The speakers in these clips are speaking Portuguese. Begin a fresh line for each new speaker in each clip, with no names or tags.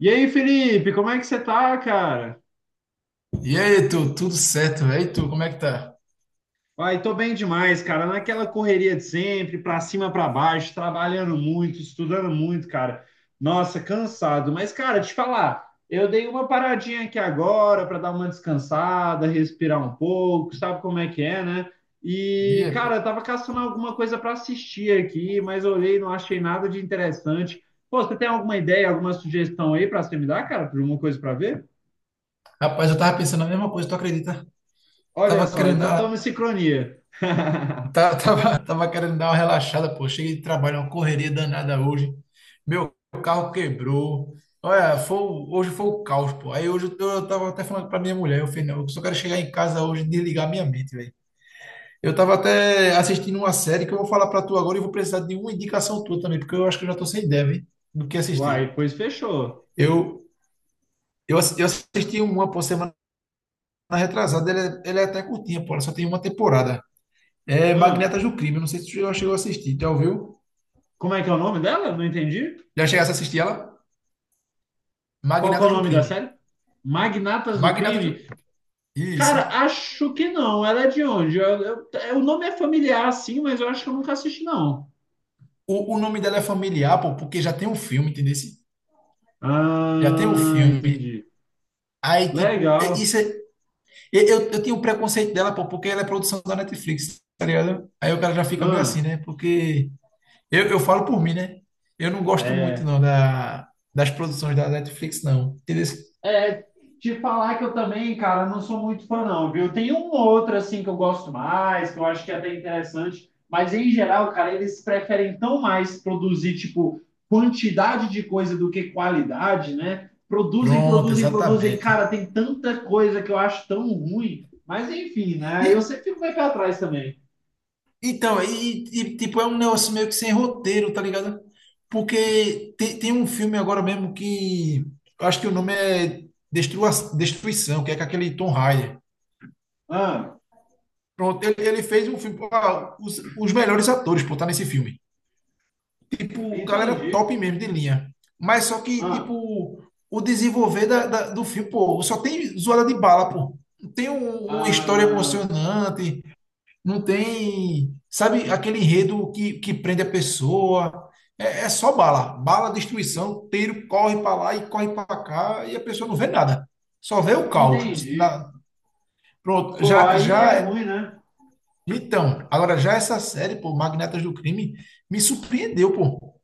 E aí, Felipe, como é que você tá, cara?
E aí, tu, tudo certo? E aí, tu, como é que tá?
Ai, tô bem demais, cara. Naquela correria de sempre, pra cima, pra baixo, trabalhando muito, estudando muito, cara. Nossa, cansado. Mas, cara, te falar, eu dei uma paradinha aqui agora pra dar uma descansada, respirar um pouco, sabe como é que é, né?
E
E,
aí, pô?
cara, eu tava caçando alguma coisa pra assistir aqui, mas olhei, não achei nada de interessante. Pô, você tem alguma ideia, alguma sugestão aí pra você me dar, cara, de alguma coisa pra ver?
Rapaz, eu tava pensando a mesma coisa, tu acredita?
Olha
Tava
só,
querendo
então
dar,
estamos em sincronia.
tá- Tava querendo dar uma relaxada, pô. Cheguei de trabalho, uma correria danada hoje. Meu carro quebrou. Olha, hoje foi o caos, pô. Aí hoje eu tava até falando pra minha mulher, eu falei, não, eu só quero chegar em casa hoje e desligar minha mente, velho. Eu tava até assistindo uma série que eu vou falar pra tu agora e vou precisar de uma indicação tua também, porque eu acho que eu já tô sem ideia, velho, do que
Uai,
assistir.
pois fechou.
Eu, eu assisti uma por semana na retrasada, ele é até curtinha, pô, ela só tem uma temporada. É
Hã?
Magnatas do Crime, não sei se tu já chegou a assistir, já ouviu?
Como é que é o nome dela? Não entendi.
Já chegasse a assistir ela?
Qual que é o
Magnatas do
nome da
Crime.
série? Magnatas do
Magnatas
Crime?
do...
Cara,
Isso.
acho que não. Ela é de onde? É, o nome é familiar, sim, mas eu acho que eu nunca assisti, não.
O nome dela é familiar, pô, porque já tem um filme, entendeu? Já tem um
Ah,
filme.
entendi.
Aí, tipo,
Legal.
isso é. Eu tinha um preconceito dela, pô, porque ela é produção da Netflix, tá ligado? Aí o cara já fica meio
Ah,
assim, né? Porque eu falo por mim, né? Eu não gosto muito,
é.
não, das produções da Netflix, não. Entendeu?
É, te falar que eu também, cara, não sou muito fã, não, viu? Tem um ou outro, assim, que eu gosto mais, que eu acho que é até interessante, mas em geral, cara, eles preferem tão mais produzir, tipo, quantidade de coisa do que qualidade, né? Produzem,
Pronto,
produzem, produzem.
exatamente.
Cara, tem tanta coisa que eu acho tão ruim, mas enfim,
E,
né? Eu sempre fico meio pra trás também.
então, tipo, é um negócio meio que sem roteiro, tá ligado? Porque tem um filme agora mesmo que eu acho que o nome é Destrua, Destruição, que é com aquele Tom Hyde.
Ah,
Pronto, ele fez um filme. Pô, ah, os melhores atores, pô, tá nesse filme. Tipo, galera
entendi.
top mesmo de linha. Mas só que,
Ah,
tipo, o desenvolver do filme, pô, só tem zoada de bala, pô. Não tem uma história
ah,
emocionante, não tem, sabe, aquele enredo que prende a pessoa. É, é só bala, bala, destruição, tiro, corre para lá e corre para cá e a pessoa não vê nada. Só vê o caos.
entendi.
Pronto,
Pô,
já,
aí
já.
é ruim, né?
Então, agora já essa série, pô, Magnatas do Crime, me surpreendeu, pô.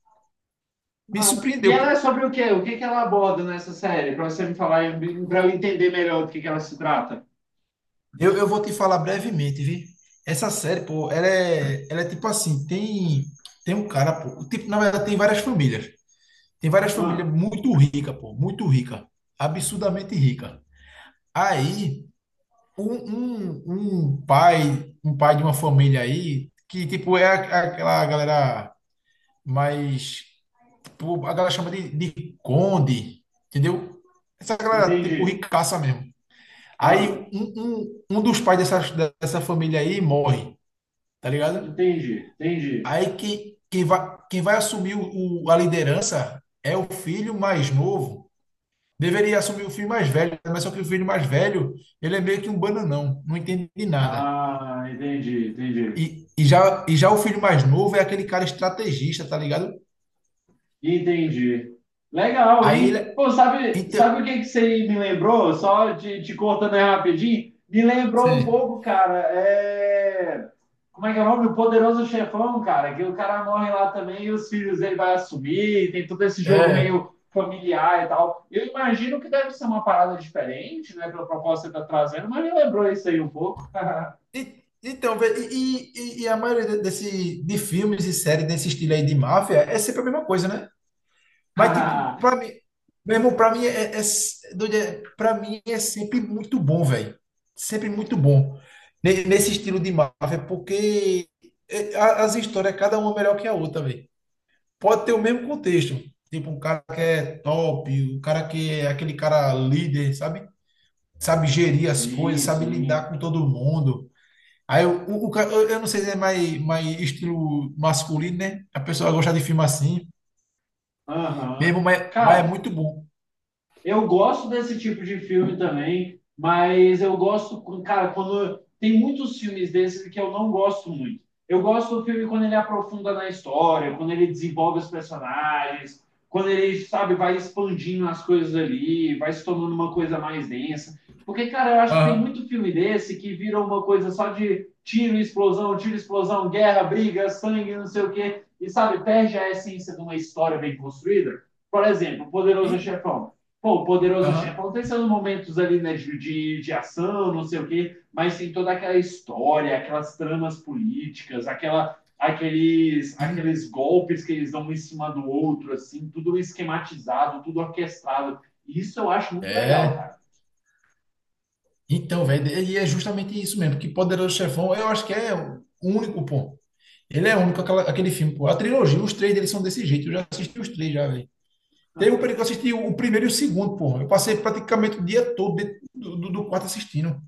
Me
Ah, e
surpreendeu,
ela é
pô.
sobre o quê? O que que ela aborda nessa série? Para você me falar, para eu entender melhor do que ela se trata.
Eu vou te falar brevemente, viu? Essa série, pô, ela é tipo assim, tem um cara, pô, tipo, na verdade tem várias famílias. Tem várias famílias
Ah,
muito ricas, pô, muito rica, absurdamente rica. Aí, um pai de uma família aí, que tipo é aquela galera mais, tipo, a galera chama de conde, entendeu? Essa galera tipo
entendi.
ricaça mesmo. Aí
Ah,
um dos pais dessa família aí morre, tá ligado?
entendi, entendi.
Aí quem vai assumir a liderança é o filho mais novo. Deveria assumir o filho mais velho, mas só que o filho mais velho, ele é meio que um bananão, não entende de nada.
Ah, entendi, entendi.
E já o filho mais novo é aquele cara estrategista, tá ligado?
Entendi. Legal,
Aí ele.
hein?
é-
Pô, sabe,
Então,
sabe o que que você me lembrou? Só te, te cortando aí rapidinho. Me lembrou um
sim,
pouco, cara. É... Como é que é o nome? O Poderoso Chefão, cara. Que o cara morre lá também e os filhos dele vai assumir. Tem todo esse jogo
é.
meio familiar e tal. Eu imagino que deve ser uma parada diferente, né? Pela proposta que você tá trazendo, mas me lembrou isso aí um pouco.
Então, vê, e a maioria de filmes e séries desse estilo aí de máfia é sempre a mesma coisa, né? Mas, tipo, pra mim, mesmo pra mim é doido, pra mim é sempre muito bom, velho. Sempre muito bom. Nesse estilo de Marvel, porque as histórias, cada uma é melhor que a outra, velho. Pode ter o mesmo contexto. Tipo, um cara que é top, um cara que é aquele cara líder, sabe? Sabe gerir as coisas,
Sim,
sabe
sim.
lidar com todo mundo. Aí eu não sei se é mais estilo masculino, né? A pessoa gosta de filme assim, mesmo,
Aham.
mas é
Cara,
muito
eu gosto desse tipo de filme também, mas eu gosto, cara, quando tem muitos filmes desses que eu não gosto muito. Eu gosto do filme quando ele aprofunda na história, quando ele desenvolve os personagens, quando ele, sabe, vai expandindo as coisas ali, vai se tornando uma coisa mais densa. Porque, cara, eu acho que tem
bom.
muito filme desse que vira uma coisa só de tiro, explosão, guerra, briga, sangue, não sei o quê, e, sabe, perde a essência de uma história bem construída. Por exemplo, Poderoso
E,
Chefão. Pô, o poderoso
aham,
chefão tem seus momentos ali, né, de ação, não sei o quê, mas tem toda aquela história, aquelas tramas políticas, aquela,
e,
aqueles golpes que eles dão um em cima do outro, assim, tudo esquematizado, tudo orquestrado. Isso eu acho muito legal,
é,
cara.
então, velho, e é justamente isso mesmo, que Poderoso Chefão, eu acho que é o único, pô. Ele é único aquele filme, pô. A trilogia, os três deles são desse jeito, eu já assisti os três já, velho. Teve um período que eu assisti o primeiro e o segundo, pô. Eu passei praticamente o dia todo dentro do quarto assistindo.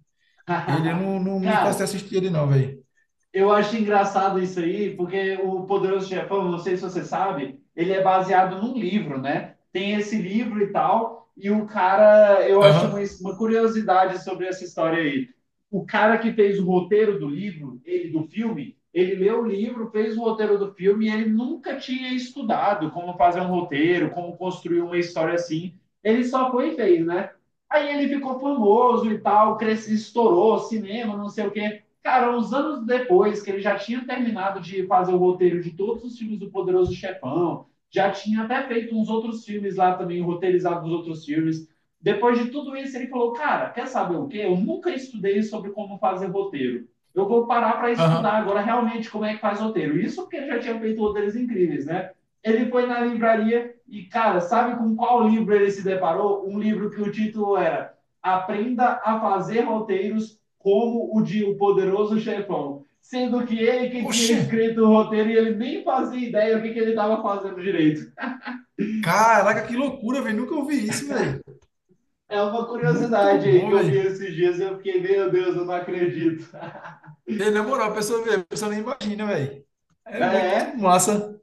Eu não me canso de
Cara,
assistir ele não, velho.
eu acho engraçado isso aí, porque o Poderoso Chefão, não sei se você sabe, ele é baseado num livro, né? Tem esse livro e tal, e o cara, eu acho
Aham,
uma curiosidade sobre essa história aí. O cara que fez o roteiro do livro, ele do filme, ele leu o livro, fez o roteiro do filme e ele nunca tinha estudado como fazer um roteiro, como construir uma história assim. Ele só foi e fez, né? Aí ele ficou famoso e tal, cresceu, estourou, cinema, não sei o quê. Cara, uns anos depois que ele já tinha terminado de fazer o roteiro de todos os filmes do Poderoso Chefão, já tinha até feito uns outros filmes lá também, roteirizado os outros filmes. Depois de tudo isso, ele falou: cara, quer saber o quê? Eu nunca estudei sobre como fazer roteiro. Eu vou parar para estudar
aham.
agora realmente como é que faz roteiro. Isso porque ele já tinha feito roteiros incríveis, né? Ele foi na livraria e, cara, sabe com qual livro ele se deparou? Um livro que o título era Aprenda a Fazer Roteiros como o de O Poderoso Chefão, sendo que ele que tinha
Oxê,
escrito o roteiro e ele nem fazia ideia do que ele estava fazendo direito.
caraca, que loucura, velho, nunca ouvi isso, velho.
É uma
Muito
curiosidade aí que
bom,
eu vi
velho.
esses dias e eu fiquei, meu Deus, eu não acredito.
E, na moral, a pessoa vê, a pessoa nem imagina, velho. É muito
É,
massa.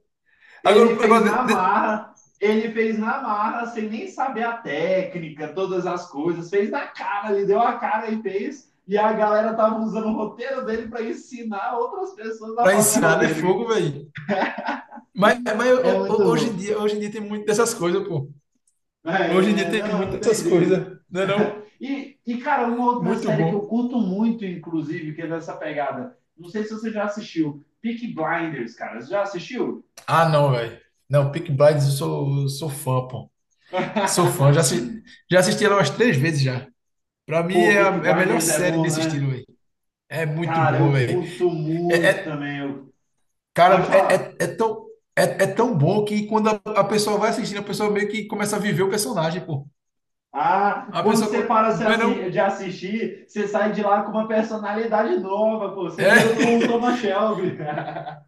ele
Agora,
fez
agora
na marra, ele fez na marra sem nem saber a técnica, todas as coisas, fez na cara, ele deu a cara e fez. E a galera tava usando o roteiro dele para ensinar outras pessoas a
pra
fazer
ensinar, né?
roteiro.
Fogo, velho. Mas
É muito
hoje
bom.
em dia, hoje em dia tem muito dessas coisas, pô. Hoje em dia
É,
tem
não,
muito
não tem
dessas coisas,
jeito.
né não?
Cara, uma outra
Muito
série que eu
bom.
curto muito, inclusive, que é dessa pegada. Não sei se você já assistiu. Peaky Blinders, cara. Você já assistiu?
Ah, não, velho. Não, Peaky Blinders, eu sou fã, pô. Sou fã. Já, assi- já assisti ela umas três vezes já. Pra mim
Pô,
é a,
Peaky
é a melhor
Blinders é
série
bom,
nesse
né?
estilo, velho. É muito
Cara,
bom,
eu
velho.
curto muito também. Eu... Pode
Cara, é,
falar.
é, é tão, é, é tão bom que quando a pessoa vai assistindo, a pessoa meio que começa a viver o personagem, pô.
Ah, quando você para se
Não é não?
assi- de assistir, você sai de lá com uma personalidade nova, pô. Você vira o
É.
Thomas Shelby.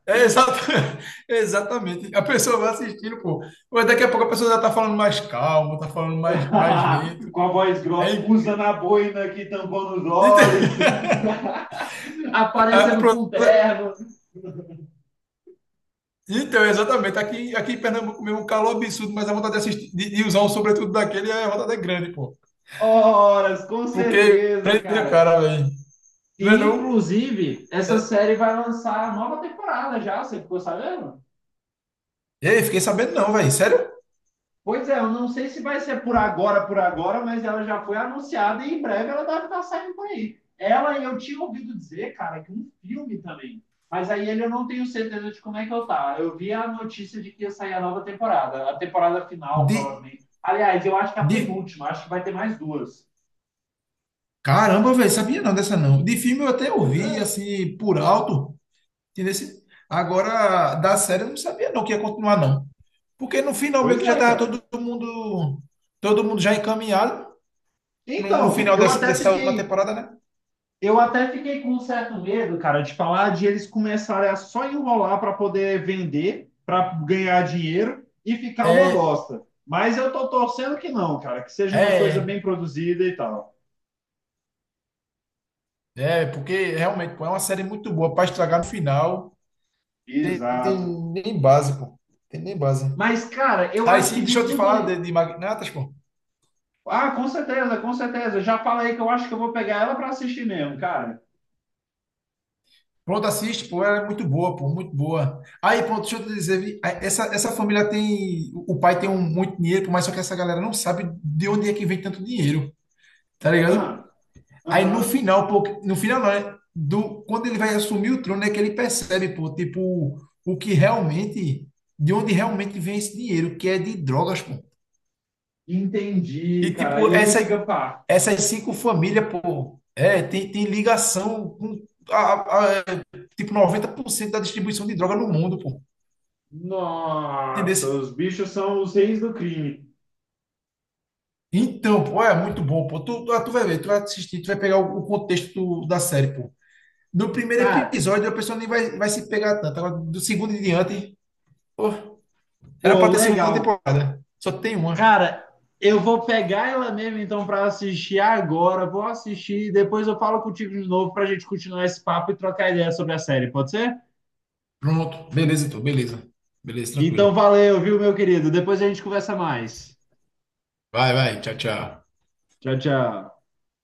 É exata- Exatamente. A pessoa vai assistindo, pô. Mas daqui a pouco a pessoa já tá falando mais calmo, tá falando mais lento.
Com a voz
É
grossa, usando
incri-
a boina aqui, tampando os
Ente-
olhos.
Ah,
Aparecendo
pronto.
com terno.
Então, é exatamente. Aqui em Pernambuco mesmo, um calor absurdo, mas a vontade de assistir, de usar um sobretudo daquele, é a vontade é grande, pô.
Horas, com
Porque
certeza,
prende o
cara.
cara, velho. Não é
E,
não?
inclusive, essa
É.
série vai lançar a nova temporada já, você ficou sabendo?
Ei, fiquei sabendo não, velho. Sério?
Pois é, eu não sei se vai ser por agora, mas ela já foi anunciada e em breve ela deve estar saindo por aí. Ela, eu tinha ouvido dizer, cara, que um filme também. Mas aí ele eu não tenho certeza de como é que eu tá. Eu vi a notícia de que ia sair a nova temporada, a temporada final,
De,
provavelmente. Aliás, eu acho que a
de...
penúltima, acho que vai ter mais duas.
Caramba, velho, sabia não dessa não. De filme eu até
Pois é,
ouvi, assim, por alto. Entendeu? Assim? Agora, da série eu não sabia não que ia continuar não. Porque no final meio
Pois
que já
é,
tava todo
cara.
mundo, todo mundo já encaminhado no
Então,
final dessa, dessa última temporada, né?
eu até fiquei com um certo medo, cara, de falar de eles começarem a só enrolar para poder vender, para ganhar dinheiro e ficar uma
É,
bosta. Mas eu tô torcendo que não, cara, que seja uma coisa bem
é,
produzida e tal.
é, porque realmente, pô, é uma série muito boa para estragar no final. Tem
Exato.
nem base, pô. Tem nem base.
Mas, cara, eu
Aí
acho que
sim, deixa
de
eu te
tudo.
falar de Magnatas, pô.
Ah, com certeza. Já falei que eu acho que eu vou pegar ela para assistir mesmo, cara.
Pronto, assiste, pô, ela é muito boa, pô, muito boa. Aí, pronto, deixa eu te dizer, vi, essa família tem, o pai tem muito dinheiro, pô, mas só que essa galera não sabe de onde é que vem tanto dinheiro, tá ligado?
Ah,
Aí no
aham.
final, pô, no final não, quando ele vai assumir o trono é que ele percebe, pô, tipo, o que realmente, de onde realmente vem esse dinheiro, que é de drogas, pô.
Entendi,
E
cara.
tipo,
Aí ele
essa,
fica pá.
essas cinco famílias, pô, tem ligação com, a, a- tipo, 90% da distribuição de droga no mundo, pô.
Nossa,
Entendesse?
os bichos são os reis do crime.
Então, pô, é muito bom, pô. Tu vai ver, tu vai assistir, tu vai pegar o contexto da série, pô. No primeiro
Cara,
episódio, a pessoa nem vai se pegar tanto. Agora, do segundo em diante, pô, era
pô,
pra ter segunda
legal.
temporada. Só tem uma.
Cara, eu vou pegar ela mesmo então pra assistir agora. Vou assistir e depois eu falo contigo de novo pra gente continuar esse papo e trocar ideia sobre a série, pode ser?
Pronto. Beleza, então. Beleza. Beleza,
Então
tranquilo.
valeu, viu, meu querido? Depois a gente conversa mais.
Vai, vai. Tchau, tchau.
Tchau, tchau.